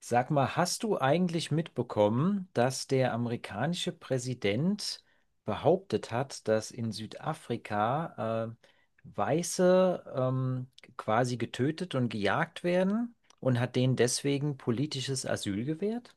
Sag mal, hast du eigentlich mitbekommen, dass der amerikanische Präsident behauptet hat, dass in Südafrika Weiße quasi getötet und gejagt werden und hat denen deswegen politisches Asyl gewährt?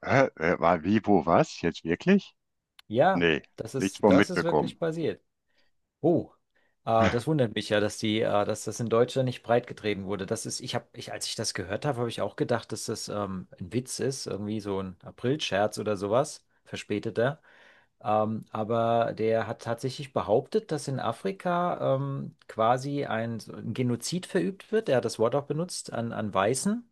War wie, wo, was? Jetzt wirklich? Ja, Nee, nichts mehr das ist wirklich mitbekommen. passiert. Oh, das wundert mich ja, dass das in Deutschland nicht breitgetreten wurde. Das ist, ich habe, ich, als ich das gehört habe, habe ich auch gedacht, dass das ein Witz ist, irgendwie so ein Aprilscherz oder sowas, verspäteter. Aber der hat tatsächlich behauptet, dass in Afrika quasi so ein Genozid verübt wird. Er hat das Wort auch benutzt an Weißen,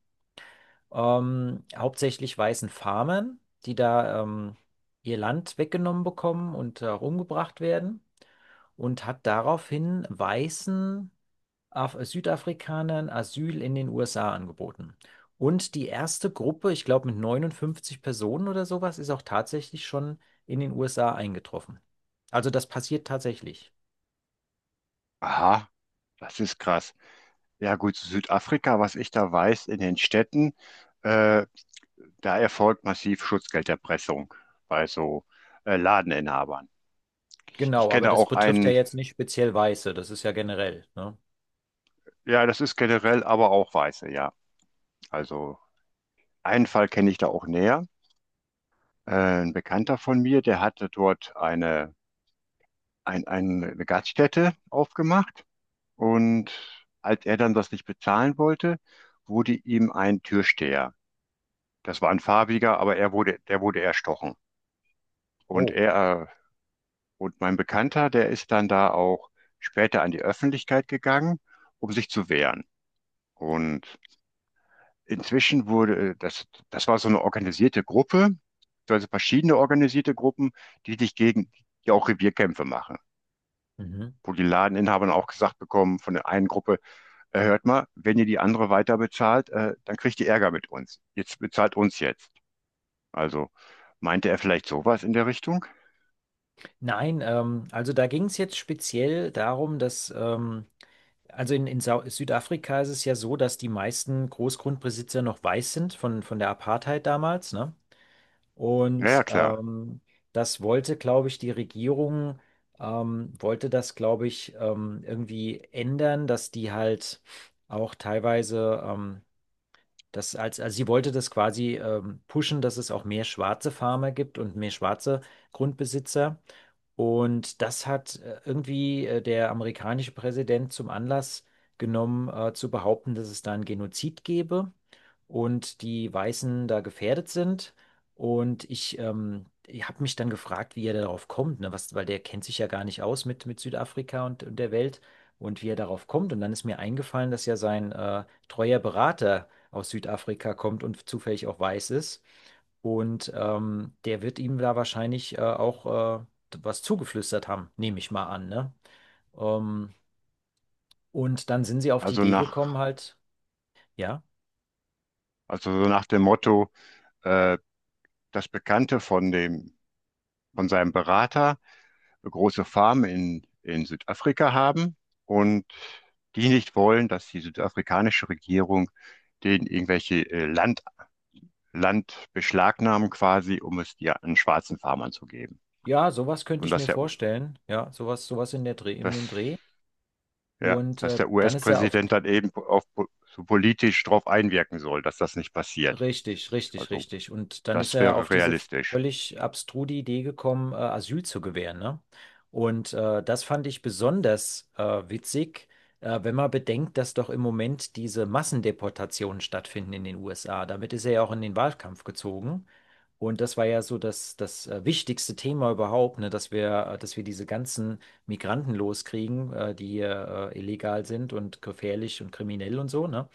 hauptsächlich weißen Farmern, die da ihr Land weggenommen bekommen und auch umgebracht werden und hat daraufhin weißen Af Südafrikanern Asyl in den USA angeboten. Und die erste Gruppe, ich glaube mit 59 Personen oder sowas, ist auch tatsächlich schon in den USA eingetroffen. Also das passiert tatsächlich. Aha, das ist krass. Ja gut, Südafrika, was ich da weiß, in den Städten, äh, da erfolgt massiv Schutzgelderpressung bei so Ladeninhabern. Ich Genau, aber kenne das auch betrifft ja einen, jetzt nicht speziell Weiße, das ist ja generell, ne? ja, das ist generell, aber auch Weiße, ja. Also einen Fall kenne ich da auch näher. Äh, ein Bekannter von mir, der hatte dort eine, eine Gaststätte aufgemacht. Und als er dann das nicht bezahlen wollte, wurde ihm ein Türsteher. Das war ein farbiger, aber er wurde, der wurde erstochen. Und Oh. Und mein Bekannter, der ist dann da auch später an die Öffentlichkeit gegangen, um sich zu wehren. Und inzwischen wurde, das, das war so eine organisierte Gruppe, also verschiedene organisierte Gruppen, die sich gegen, die auch Revierkämpfe machen. Mhm. Wo die Ladeninhaber dann auch gesagt bekommen von der einen Gruppe: hört mal, wenn ihr die andere weiter bezahlt, dann kriegt ihr Ärger mit uns. Jetzt bezahlt uns jetzt. Also meinte er vielleicht sowas in der Richtung? Nein, also da ging es jetzt speziell darum, dass also in Sau Südafrika ist es ja so, dass die meisten Großgrundbesitzer noch weiß sind von der Apartheid damals, ne? Ja, ja, Und klar. Das wollte, glaube ich, die Regierung, wollte das, glaube ich, irgendwie ändern, dass die halt auch teilweise, also sie wollte das quasi pushen, dass es auch mehr schwarze Farmer gibt und mehr schwarze Grundbesitzer. Und das hat irgendwie der amerikanische Präsident zum Anlass genommen, zu behaupten, dass es da einen Genozid gebe und die Weißen da gefährdet sind. Ich habe mich dann gefragt, wie er darauf kommt, ne? Was, weil der kennt sich ja gar nicht aus mit Südafrika und der Welt und wie er darauf kommt. Und dann ist mir eingefallen, dass ja sein treuer Berater aus Südafrika kommt und zufällig auch weiß ist. Und der wird ihm da wahrscheinlich auch was zugeflüstert haben, nehme ich mal an, ne? Ähm, und dann sind sie auf die Also Idee nach, gekommen, halt, ja, also so nach dem Motto, äh, das Bekannte von dem, von seinem Berater eine große Farm in Südafrika haben und die nicht wollen, dass die südafrikanische Regierung denen irgendwelche Land, Land beschlagnahmen quasi, um es dir an schwarzen Farmern zu geben. ja, sowas könnte Und ich dass mir der, vorstellen, ja, sowas, sowas in dass dem Dreh. ja, Und dass der dann ist er auf, US-Präsident dann eben so politisch darauf einwirken soll, dass das nicht passiert. richtig, richtig, Also, richtig. Und dann ist das er auf wäre diese realistisch. völlig abstruse Idee gekommen, Asyl zu gewähren, ne? Und das fand ich besonders witzig, wenn man bedenkt, dass doch im Moment diese Massendeportationen stattfinden in den USA. Damit ist er ja auch in den Wahlkampf gezogen. Und das war ja so das wichtigste Thema überhaupt, ne? Dass dass wir diese ganzen Migranten loskriegen, die hier illegal sind und gefährlich und kriminell und so, ne?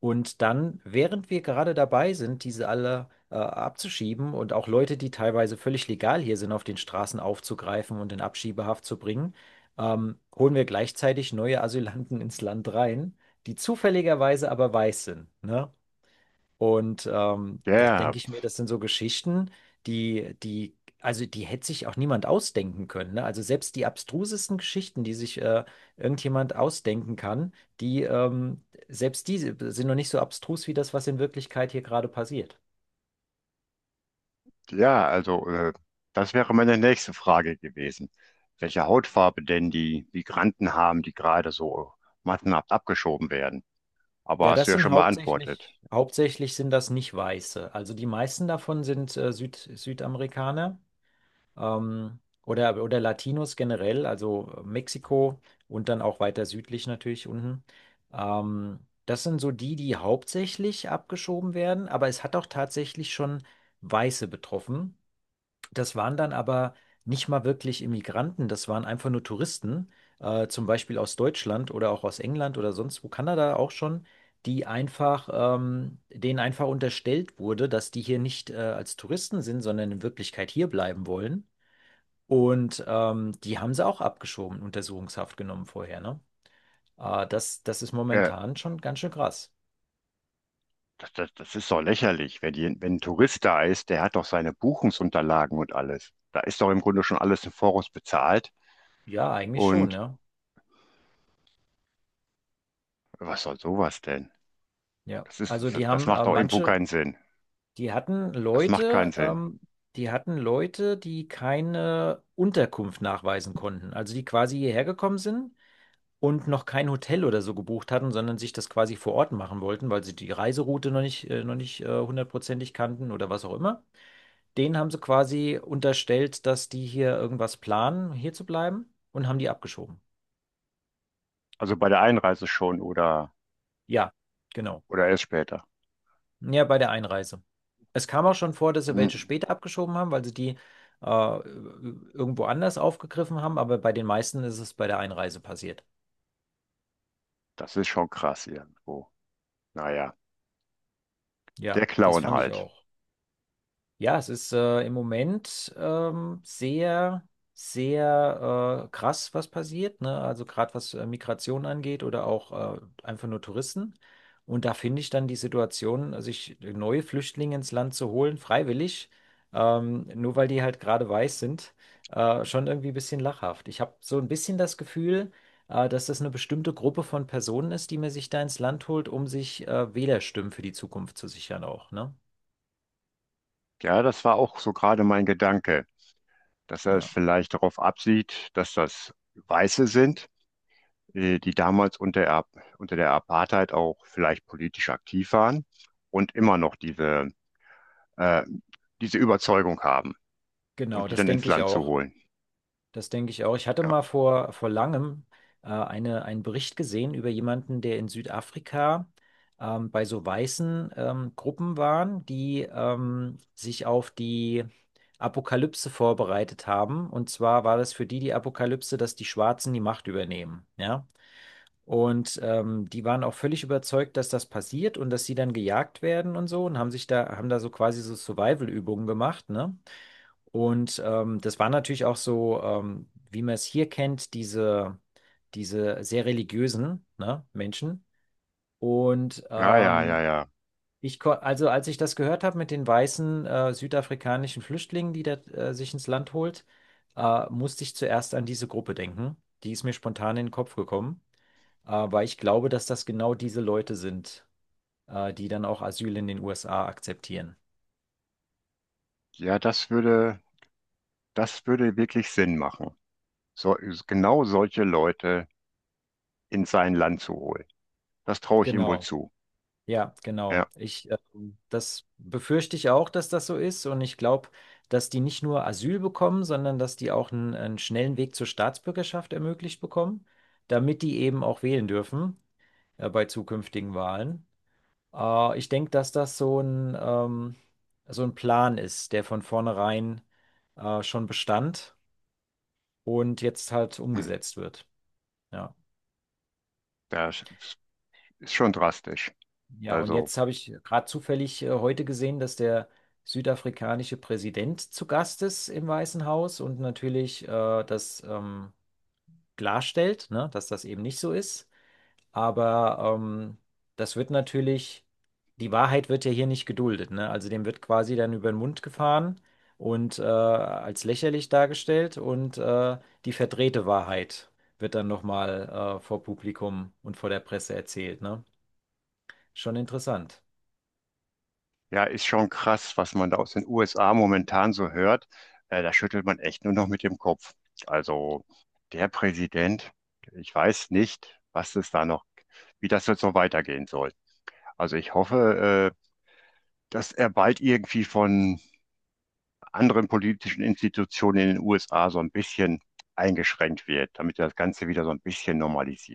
Und dann, während wir gerade dabei sind, diese alle abzuschieben und auch Leute, die teilweise völlig legal hier sind, auf den Straßen aufzugreifen und in Abschiebehaft zu bringen, holen wir gleichzeitig neue Asylanten ins Land rein, die zufälligerweise aber weiß sind, ne? Und da Ja, denke ich mir, das sind so Geschichten, die, die, also die hätte sich auch niemand ausdenken können. Ne? Also selbst die abstrusesten Geschichten, die sich irgendjemand ausdenken kann, selbst die sind noch nicht so abstrus wie das, was in Wirklichkeit hier gerade passiert. ja, also das wäre meine nächste Frage gewesen. Welche Hautfarbe denn die Migranten haben, die gerade so massenhaft abgeschoben werden? Aber Ja, hast du das ja sind schon beantwortet. Hauptsächlich sind das nicht Weiße. Also die meisten davon sind Südamerikaner. Ähm, oder Latinos generell, also Mexiko und dann auch weiter südlich natürlich unten. Ähm, das sind so die hauptsächlich abgeschoben werden, aber es hat auch tatsächlich schon Weiße betroffen. Das waren dann aber nicht mal wirklich Immigranten, das waren einfach nur Touristen, zum Beispiel aus Deutschland oder auch aus England oder sonst wo, Kanada auch schon, die einfach, denen einfach unterstellt wurde, dass die hier nicht als Touristen sind, sondern in Wirklichkeit hier bleiben wollen. Und die haben sie auch abgeschoben, Untersuchungshaft genommen vorher, ne? Das ist Ja, momentan schon ganz schön krass. Das ist doch lächerlich. Wenn ein Tourist da ist, der hat doch seine Buchungsunterlagen und alles. Da ist doch im Grunde schon alles im Voraus bezahlt. Ja, eigentlich schon, Und ja. was soll sowas denn? Ja, also die Das haben macht auch irgendwo keinen Sinn. die hatten Das macht keinen Leute, Sinn. ähm, die hatten Leute, die keine Unterkunft nachweisen konnten. Also die quasi hierher gekommen sind und noch kein Hotel oder so gebucht hatten, sondern sich das quasi vor Ort machen wollten, weil sie die Reiseroute noch nicht hundertprozentig kannten oder was auch immer. Denen haben sie quasi unterstellt, dass die hier irgendwas planen, hier zu bleiben und haben die abgeschoben. Also bei der Einreise schon Ja, genau. oder erst später. Ja, bei der Einreise. Es kam auch schon vor, dass sie Hm, welche später abgeschoben haben, weil sie die irgendwo anders aufgegriffen haben, aber bei den meisten ist es bei der Einreise passiert. das ist schon krass irgendwo. Naja, der Ja, das Clown fand ich halt. auch. Ja, es ist im Moment sehr krass, was passiert, ne? Also gerade was Migration angeht oder auch einfach nur Touristen. Und da finde ich dann die Situation, sich neue Flüchtlinge ins Land zu holen, freiwillig, nur weil die halt gerade weiß sind, schon irgendwie ein bisschen lachhaft. Ich habe so ein bisschen das Gefühl, dass das eine bestimmte Gruppe von Personen ist, die man sich da ins Land holt, um sich Wählerstimmen für die Zukunft zu sichern auch, ne? Ja, das war auch so gerade mein Gedanke, dass er es Ja. vielleicht darauf absieht, dass das Weiße sind, die damals unter der Apartheid auch vielleicht politisch aktiv waren und immer noch diese, äh, diese Überzeugung haben Genau, und die das dann ins denke ich Land zu auch. holen. Das denke ich auch. Ich hatte Ja, mal vor langem einen Bericht gesehen über jemanden, der in Südafrika bei so weißen Gruppen waren, die sich auf die Apokalypse vorbereitet haben. Und zwar war das für die Apokalypse, dass die Schwarzen die Macht übernehmen. Ja. Und die waren auch völlig überzeugt, dass das passiert und dass sie dann gejagt werden und so und haben haben da so quasi so Survival-Übungen gemacht, ne? Und das war natürlich auch so, wie man es hier kennt, diese sehr religiösen, ne, Menschen. Und ja. Also als ich das gehört habe mit den weißen südafrikanischen Flüchtlingen, die da sich ins Land holt, musste ich zuerst an diese Gruppe denken. Die ist mir spontan in den Kopf gekommen. Aber ich glaube, dass das genau diese Leute sind, die dann auch Asyl in den USA akzeptieren. Ja das würde. Das würde wirklich Sinn machen, so, genau solche Leute in sein Land zu holen. Das traue ich ihm wohl Genau. zu. Ja, Ja, genau. Das befürchte ich auch, dass das so ist. Und ich glaube, dass die nicht nur Asyl bekommen, sondern dass die auch einen schnellen Weg zur Staatsbürgerschaft ermöglicht bekommen, damit die eben auch wählen dürfen, bei zukünftigen Wahlen. Ich denke, dass das so so ein Plan ist, der von vornherein, schon bestand und jetzt halt hm, umgesetzt wird. Ja, das ist schon drastisch. ja, und Also, jetzt habe ich gerade zufällig heute gesehen, dass der südafrikanische Präsident zu Gast ist im Weißen Haus und natürlich das klarstellt, ne, dass das eben nicht so ist. Aber das wird natürlich, die Wahrheit wird ja hier nicht geduldet, ne? Also dem wird quasi dann über den Mund gefahren und als lächerlich dargestellt und die verdrehte Wahrheit wird dann nochmal vor Publikum und vor der Presse erzählt, ne? Schon interessant. ja, ist schon krass, was man da aus den USA momentan so hört. Da schüttelt man echt nur noch mit dem Kopf. Also, der Präsident, ich weiß nicht, was es da noch, wie das jetzt so weitergehen soll. Also, ich hoffe, dass er bald irgendwie von anderen politischen Institutionen in den USA so ein bisschen eingeschränkt wird, damit das Ganze wieder so ein bisschen normalisiert.